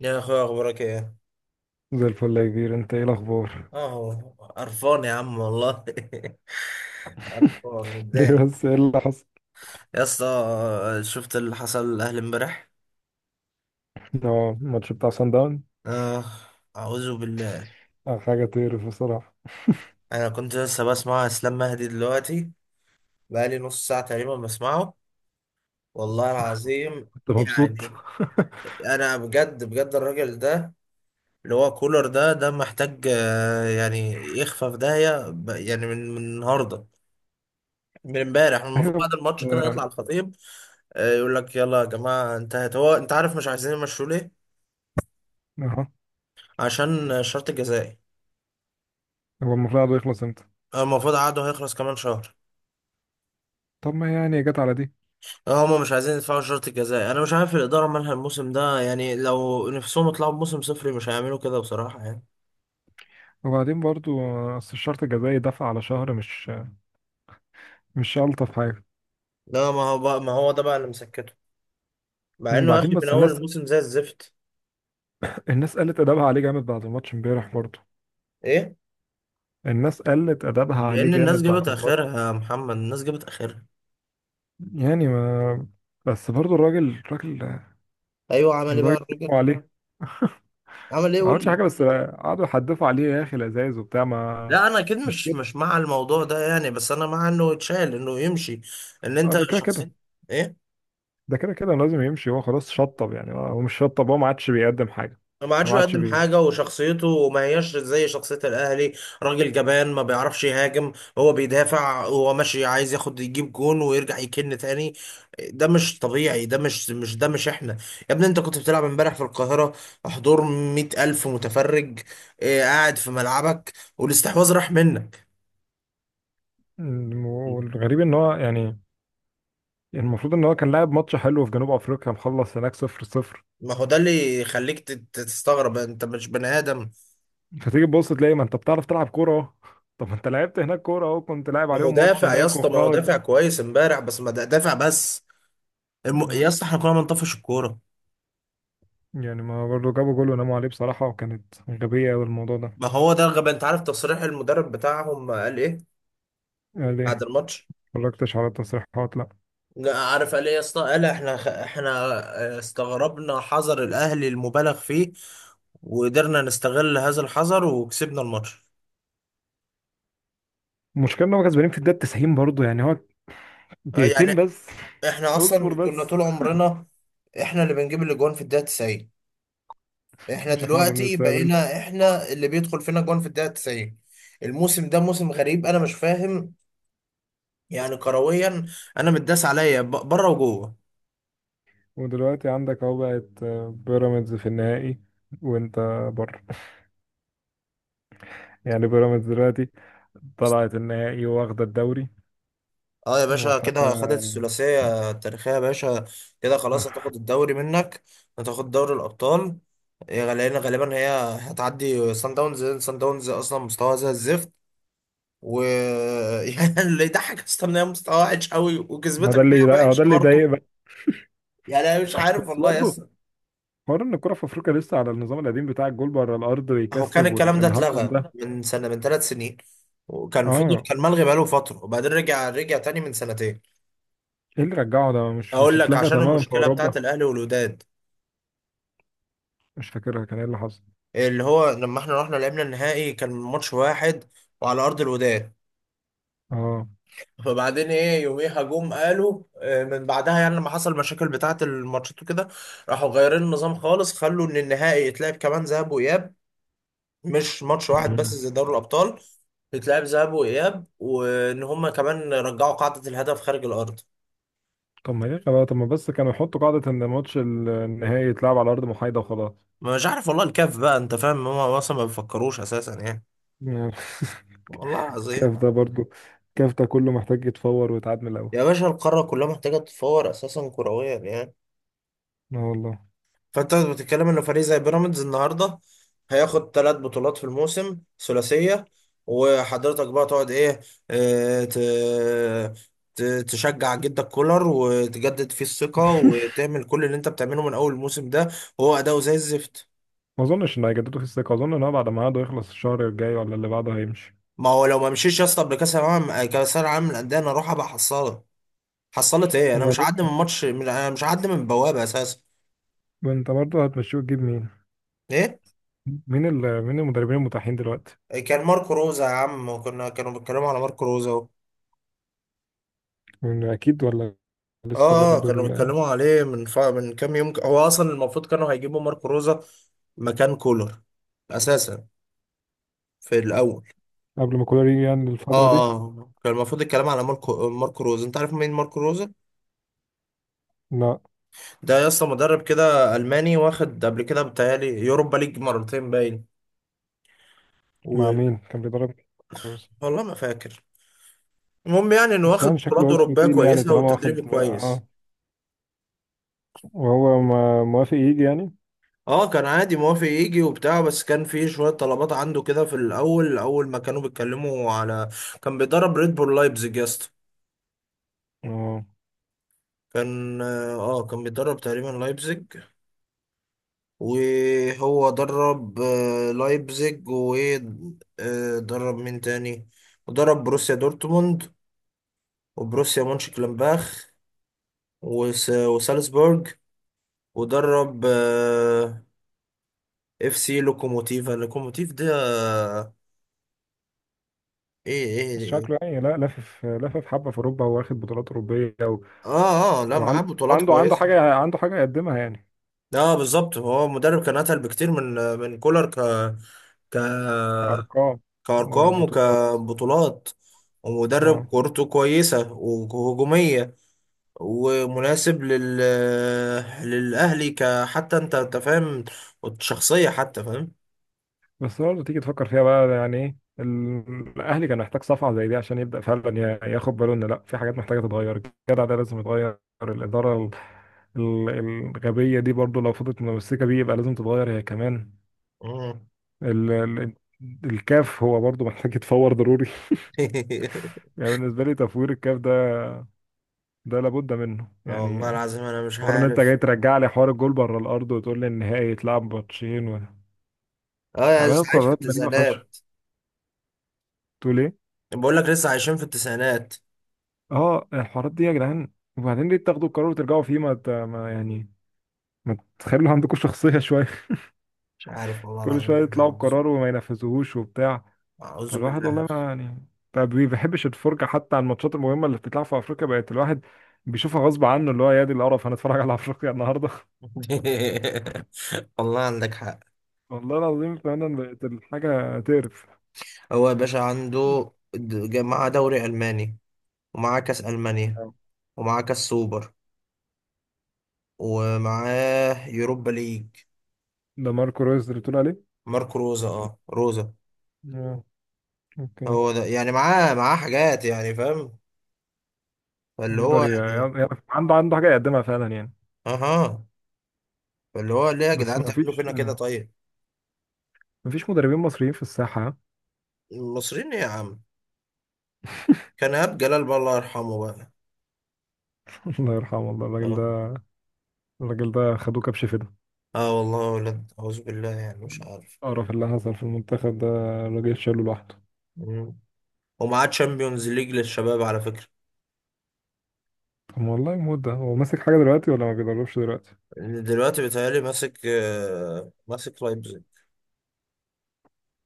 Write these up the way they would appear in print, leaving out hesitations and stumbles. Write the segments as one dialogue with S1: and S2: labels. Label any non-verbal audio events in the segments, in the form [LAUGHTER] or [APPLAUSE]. S1: يا اخويا، اخبارك ايه؟
S2: زي الفل يا كبير، انت ايه الاخبار؟
S1: اه، قرفان يا عم والله. [LAUGHS] قرفان،
S2: [LAUGHS] ليه
S1: متضايق.
S2: بس، ايه اللي حصل؟
S1: يا اسطى، شفت اللي حصل الاهلي امبارح؟
S2: اه، الماتش بتاع سان داون.
S1: اه. اعوذ بالله.
S2: اه، حاجه تقرف بصراحه.
S1: انا كنت لسه بسمع اسلام مهدي دلوقتي. بقالي نص ساعه تقريبا بسمعه. والله العظيم.
S2: انت مبسوط؟
S1: يعني. انا بجد بجد الراجل ده، اللي هو كولر ده محتاج يعني، يخفى في داهيه يعني من النهارده، من امبارح
S2: [LAUGHS]
S1: المفروض
S2: ايوه. بس،
S1: بعد الماتش كده يطلع
S2: اه،
S1: الخطيب. يقول لك يلا يا جماعه انتهت. هو انت عارف مش عايزين يمشوا ليه؟
S2: اه،
S1: عشان الشرط الجزائي.
S2: هو المفروض عقده يخلص امتى؟
S1: هو المفروض عقده هيخلص كمان شهر.
S2: طب ما يعني جت على دي.
S1: هما مش عايزين يدفعوا الشرط الجزائي. انا مش عارف الاداره مالها الموسم ده يعني، لو نفسهم يطلعوا بموسم صفري مش هيعملوا كده بصراحه يعني.
S2: وبعدين برضو اصل الشرط الجزائي دفع على شهر، مش الطف حاجه.
S1: لا ما هو بقى، ما هو ده بقى اللي مسكته، مع انه يا
S2: وبعدين
S1: اخي من
S2: بس
S1: اول
S2: الناس،
S1: الموسم زي الزفت.
S2: الناس قلت ادابها عليه جامد بعد الماتش امبارح برضو.
S1: ايه،
S2: الناس قلت ادابها عليه
S1: لان الناس
S2: جامد
S1: جابت
S2: بعد الماتش.
S1: اخرها يا محمد، الناس جابت اخرها.
S2: يعني ما، بس برضو الراجل
S1: ايوه، عمل ايه بقى
S2: لدرجه
S1: الراجل؟
S2: عليه.
S1: عمل ايه،
S2: ما
S1: قول
S2: عملتش
S1: لي.
S2: حاجه، بس قعدوا يحدفوا عليه يا اخي الازايز وبتاع، ما
S1: لا، انا اكيد
S2: مش
S1: مش
S2: كده؟
S1: مش مع الموضوع ده يعني، بس انا مع انه يتشال، انه يمشي. ان
S2: اه،
S1: انت
S2: ده كده
S1: شخص.
S2: كده،
S1: ايه،
S2: ده كده كده لازم يمشي. هو خلاص شطب، يعني هو مش شطب، هو ما عادش بيقدم حاجه.
S1: ما عادش
S2: ما عادش
S1: يقدم
S2: بي...
S1: حاجه، وشخصيته ما هياش زي شخصيه الاهلي. راجل جبان، ما بيعرفش يهاجم. هو بيدافع، هو ماشي عايز ياخد يجيب جون ويرجع يكن تاني. ده مش طبيعي، ده مش ده، مش احنا. يا ابني، انت كنت بتلعب امبارح في القاهره، حضور 100 ألف متفرج. إيه، قاعد في ملعبك والاستحواذ راح منك؟
S2: والغريب ان هو يعني المفروض ان هو كان لاعب ماتش حلو في جنوب افريقيا، مخلص هناك صفر صفر.
S1: ما هو ده اللي يخليك تستغرب، انت مش بني ادم.
S2: فتيجي تبص تلاقي ما انت بتعرف تلعب كوره اهو. [LAUGHS] طب ما انت لعبت هناك كوره اهو، كنت لاعب
S1: ما هو
S2: عليهم ماتش
S1: دافع يا
S2: هناك
S1: اسطى، ما هو
S2: وخلاص.
S1: دافع كويس امبارح، بس ما دافع بس. يا
S2: م-
S1: اسطى، احنا كنا بنطفش الكوره.
S2: يعني ما برضه جابوا جول وناموا عليه بصراحه، وكانت غبيه أوي الموضوع ده.
S1: ما هو ده الغباء، انت عارف تصريح المدرب بتاعهم قال ايه؟
S2: يعني ليه؟
S1: بعد
S2: ما
S1: الماتش.
S2: اتفرجتش على التصريحات، لا.
S1: لا، عارف قال ايه يا اسطى؟ قال احنا احنا. استغربنا حذر الاهلي المبالغ فيه، وقدرنا نستغل هذا الحذر وكسبنا الماتش.
S2: المشكلة ان هو كسبانين في الدقيقة 90 برضه، يعني هو دقيقتين
S1: يعني،
S2: بس.
S1: احنا
S2: اصبر
S1: اصلا كنا
S2: بس.
S1: طول عمرنا احنا اللي بنجيب الاجوان في الدقيقه 90. احنا
S2: مش احنا اللي
S1: دلوقتي
S2: بنستقبل.
S1: بقينا احنا اللي بيدخل فينا جون في الدقيقة 90. الموسم ده موسم غريب، انا مش فاهم، يعني كرويا. انا متداس عليا بره وجوه.
S2: ودلوقتي عندك اهو بقت بيراميدز في النهائي، وانت بره. يعني بيراميدز دلوقتي طلعت النهائي، واخدة الدوري
S1: اه يا باشا،
S2: وحاجة.
S1: كده خدت الثلاثية التاريخية يا باشا. كده خلاص، هتاخد الدوري منك، هتاخد دوري الأبطال. إيه، لأن غالبا هي هتعدي سان داونز. سان داونز أصلا مستواها زي الزفت، و [LAUGHS] يعني اللي يضحك أصلا إن هي مستواها وحش أوي
S2: ما ده
S1: وكسبتك
S2: اللي
S1: فيها
S2: هو
S1: وحش
S2: ده اللي
S1: برضه.
S2: يضايق بقى.
S1: يعني أنا مش عارف
S2: بس
S1: والله يا...
S2: برضه حوار ان الكرة في افريقيا لسه على النظام القديم بتاع الجول بره الارض
S1: هو كان
S2: ويكسب
S1: الكلام ده
S2: والهطم
S1: اتلغى
S2: ده.
S1: من سنة، من 3 سنين، وكان فضل
S2: اه،
S1: كان ملغي بقاله فترة، وبعدين رجع تاني من سنتين.
S2: ايه اللي رجعه ده؟ مش
S1: اقول لك،
S2: اتلغى
S1: عشان
S2: تماما في
S1: المشكلة بتاعت
S2: اوروبا؟
S1: الاهلي والوداد،
S2: مش فاكرها كان ايه اللي حصل.
S1: اللي هو لما احنا رحنا لعبنا النهائي كان ماتش واحد وعلى ارض الوداد.
S2: اه.
S1: فبعدين ايه، يوميها جم قالوا من بعدها، يعني لما حصل المشاكل بتاعت الماتشات وكده، راحوا غيرين النظام خالص، خلوا ان النهائي يتلعب كمان ذهاب واياب، مش ماتش واحد بس زي دوري الابطال، بتلعب ذهاب واياب، وان هم كمان رجعوا قاعده الهدف خارج الارض.
S2: طب ما ليه خلاص، طب ما بس كانوا يحطوا قاعدة ان ماتش النهائي يتلعب على ارض محايدة وخلاص.
S1: مش عارف والله، الكاف بقى انت فاهم، هم اصلا ما بيفكروش اساسا يعني.
S2: يعني. [LAUGHS]
S1: والله العظيم.
S2: كاف ده برضو، كاف ده كله محتاج يتفور ويتعاد من الاول.
S1: يا باشا، القاره كلها محتاجه تتفور اساسا كرويا يعني.
S2: اه والله.
S1: فانت بتتكلم ان فريق زي بيراميدز النهارده هياخد ثلاث بطولات في الموسم، ثلاثيه. وحضرتك بقى تقعد ايه؟ آه، ت- ت- تشجع جدك كولر وتجدد فيه الثقه،
S2: [LAUGHS]
S1: وتعمل كل اللي انت بتعمله من اول الموسم ده، وهو اداؤه زي الزفت.
S2: ما اظنش ان هيجددوا في الثقة. اظن ان هو بعد ما عقده يخلص الشهر الجاي ولا اللي بعده هيمشي.
S1: ما هو لو ما مشيش يا اسطى قبل كاس العالم، كاس العالم للانديه، انا اروح ابقى حصاله. حصلت ايه؟ انا مش
S2: وبعدين
S1: هعدي من
S2: انت،
S1: ماتش، انا مش هعدي من بوابه اساسا.
S2: انت برضه هتمشيه وتجيب مين؟
S1: ايه،
S2: مين المدربين المتاحين دلوقتي؟
S1: كان ماركو روزا يا عم، وكنا كانوا بيتكلموا على ماركو روزا.
S2: يعني اكيد، ولا لسه
S1: اه،
S2: برضه
S1: كانوا
S2: ال...
S1: بيتكلموا عليه من كام يوم. هو اصلا المفروض كانوا هيجيبوا ماركو روزا مكان كولر اساسا في الاول.
S2: قبل ما كولر يجي يعني الفترة دي.
S1: كان المفروض الكلام على ماركو روزا. انت عارف مين ماركو روزا؟
S2: لا.
S1: ده يا اسطى مدرب كده الماني، واخد قبل كده بتهيألي يوروبا ليج مرتين باين.
S2: مع
S1: و...
S2: مين كان بيدرب؟ كروس؟
S1: والله ما فاكر. المهم يعني انه
S2: بس
S1: واخد
S2: يعني
S1: بطولات
S2: شكله اسمه
S1: اوروبيه
S2: تقيل، يعني
S1: كويسه
S2: طالما
S1: وتدريب
S2: واخد،
S1: كويس.
S2: اه. وهو موافق يجي يعني؟
S1: اه، كان عادي موافق يجي وبتاع، بس كان في شوية طلبات عنده كده في الأول، أول ما كانوا بيتكلموا على... كان بيدرب ريد بول لايبزيج يا اسطى.
S2: اه.
S1: كان اه آه، كان بيدرب تقريبا لايبزيج. وهو درب لايبزيج، ودرب مين تاني؟ ودرب بروسيا دورتموند، وبروسيا مونشنجلادباخ، وسالزبورج. ودرب اف سي لوكوموتيف. لوكوموتيف ده آه، ايه،
S2: بس
S1: ايه.
S2: شكله يعني، لا، لافف حبة في أوروبا، واخد بطولات أوروبية و...
S1: اه، اه، لا، معاه
S2: وعنده،
S1: بطولات
S2: عنده
S1: كويسة.
S2: حاجة، عنده حاجة يقدمها يعني.
S1: اه، بالظبط، هو مدرب كان اتقل بكتير من كولر، ك ك
S2: أرقام
S1: كارقام
S2: وبطولات.
S1: وكبطولات. ومدرب
S2: اه.
S1: كورته كويسة وهجومية، ومناسب للأهلي، كحتى انت فاهم، شخصية حتى فاهم.
S2: بس برضه تيجي تفكر فيها بقى، يعني إيه الأهلي كان محتاج صفعة زي دي عشان يبدأ فعلا ياخد باله إن لا، في حاجات محتاجة تتغير. الجدع ده لازم يتغير، الإدارة الغبية دي برضه لو فضلت متمسكة بيه يبقى لازم تتغير هي كمان.
S1: مم.
S2: ال... ال... الكاف هو برضه محتاج يتفور ضروري.
S1: [LAUGHS]
S2: يعني بالنسبة لي تفوير الكاف ده، ده لابد منه
S1: اه والله
S2: يعني.
S1: العظيم، انا مش
S2: حوار ان انت
S1: عارف.
S2: جاي ترجع لي حوار الجول بره الارض، وتقول لي النهائي يتلعب ماتشين و...
S1: اه، يا
S2: بعملوا
S1: لسه عايش في
S2: قرارات غريبة فشخ.
S1: التسعينات،
S2: تقول ايه؟
S1: بقول لك لسه عايشين في التسعينات.
S2: اه، الحوارات دي يا جدعان. وبعدين ليه تاخدوا القرار وترجعوا فيه؟ ما يعني ما تخلوا عندكم شخصية شوية.
S1: مش عارف
S2: [LAUGHS]
S1: والله
S2: كل
S1: العظيم.
S2: شوية
S1: احنا
S2: يطلعوا
S1: أعوذ
S2: بقرار وما ينفذوهوش وبتاع.
S1: أعوذ
S2: فالواحد
S1: بالله.
S2: والله ما يعني، ما بي- بيحبش الفرجة حتى على الماتشات المهمة اللي بتتلعب في افريقيا. بقت الواحد بيشوفها غصب عنه، اللي هو يا دي القرف هنتفرج على افريقيا النهارده.
S1: [LAUGHS] والله عندك حق.
S2: والله العظيم، فعلا بقت الحاجة تقرف.
S1: هو يا باشا معاه دوري ألماني، ومعاه كأس ألمانيا،
S2: آه.
S1: ومعاه كأس سوبر، ومعاه يوروبا ليج.
S2: ده ماركو رويز اللي بتقول عليه؟
S1: ماركو روزا، روزا.
S2: اه. اوكي.
S1: هو ده يعني معاه حاجات، يعني فاهم. فاللي هو
S2: يقدر ي-
S1: يعني،
S2: يعرف، عنده حاجة يقدمها فعلا يعني.
S1: اها. فاللي هو، ليه يا
S2: بس
S1: جدعان
S2: ما
S1: تعملوا
S2: فيش،
S1: فينا كده طيب؟
S2: ما فيش مدربين مصريين في الساحة.
S1: المصريين إيه يا عم؟ كان إيهاب جلال بقى، الله يرحمه بقى.
S2: [LAUGHS] الله يرحمه، والله الراجل
S1: اه.
S2: ده، الراجل ده خدوه كبش فدا.
S1: آه والله يا ولد، أعوذ بالله، يعني مش عارف.
S2: القرف اللي حصل في المنتخب ده الراجل شاله لوحده.
S1: مم. ومعاه تشامبيونز ليج للشباب، على فكرة.
S2: طب ما والله موت ده، هو ماسك حاجة دلوقتي ولا ما بيدربش دلوقتي؟
S1: دلوقتي بيتهيألي ماسك لايبزيج.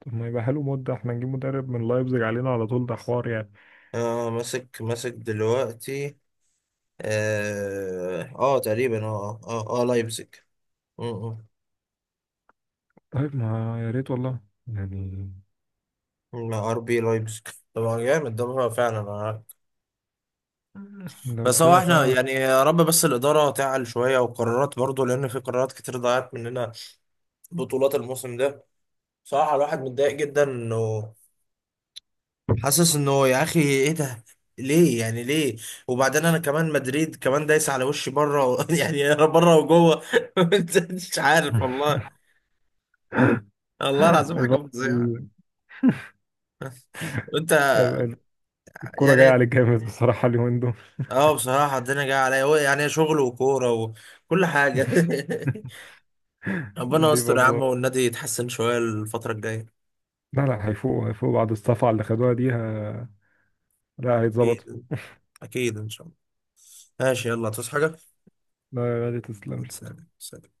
S2: طب ما يبقى حلو موت ده، احنا نجيب مدرب من لايبزيج علينا على طول، ده حوار يعني.
S1: اه، ماسك دلوقتي. تقريبا، لايبزيج. م- م.
S2: طيب ما يا ريت والله، يعني
S1: مع ار بي لايبزيج، طبعا جامد ده، هو فعلا.
S2: لو
S1: بس هو
S2: كده
S1: احنا
S2: فعلا.
S1: يعني يا رب، بس الإدارة تعل شوية وقرارات برضو، لأن في قرارات كتير ضاعت مننا، بطولات الموسم ده. صراحة الواحد متضايق جدا، انه حاسس انه يا اخي ايه ده؟ ليه يعني؟ ليه؟ وبعدين انا كمان، مدريد كمان دايس على وشي بره [LAUGHS] يعني انا بره وجوه. [LAUGHS] أنت مش عارف
S2: [LAUGHS]
S1: والله. والله العظيم حاجه
S2: الفترة-
S1: فظيعه.
S2: ال-
S1: وانت،
S2: ال- الكورة جاية
S1: يعني،
S2: عليك جامد بصراحة اليومين دول.
S1: اه بصراحه الدنيا جايه عليا، هو يعني شغل وكوره وكل حاجه.
S2: [LAUGHS]
S1: [LAUGHS] ربنا
S2: دي
S1: يستر يا عم،
S2: برضه،
S1: والنادي يتحسن شويه الفتره الجايه.
S2: لا لا، هيفوقوا، هيفوقوا بعد الصفعة اللي خدوها دي. ه... لا، هيتظبطوا.
S1: اكيد. اكيد ان شاء الله. ماشي، يلا تصحى حاجه.
S2: لا لا، تسلم.
S1: سلام، سلام.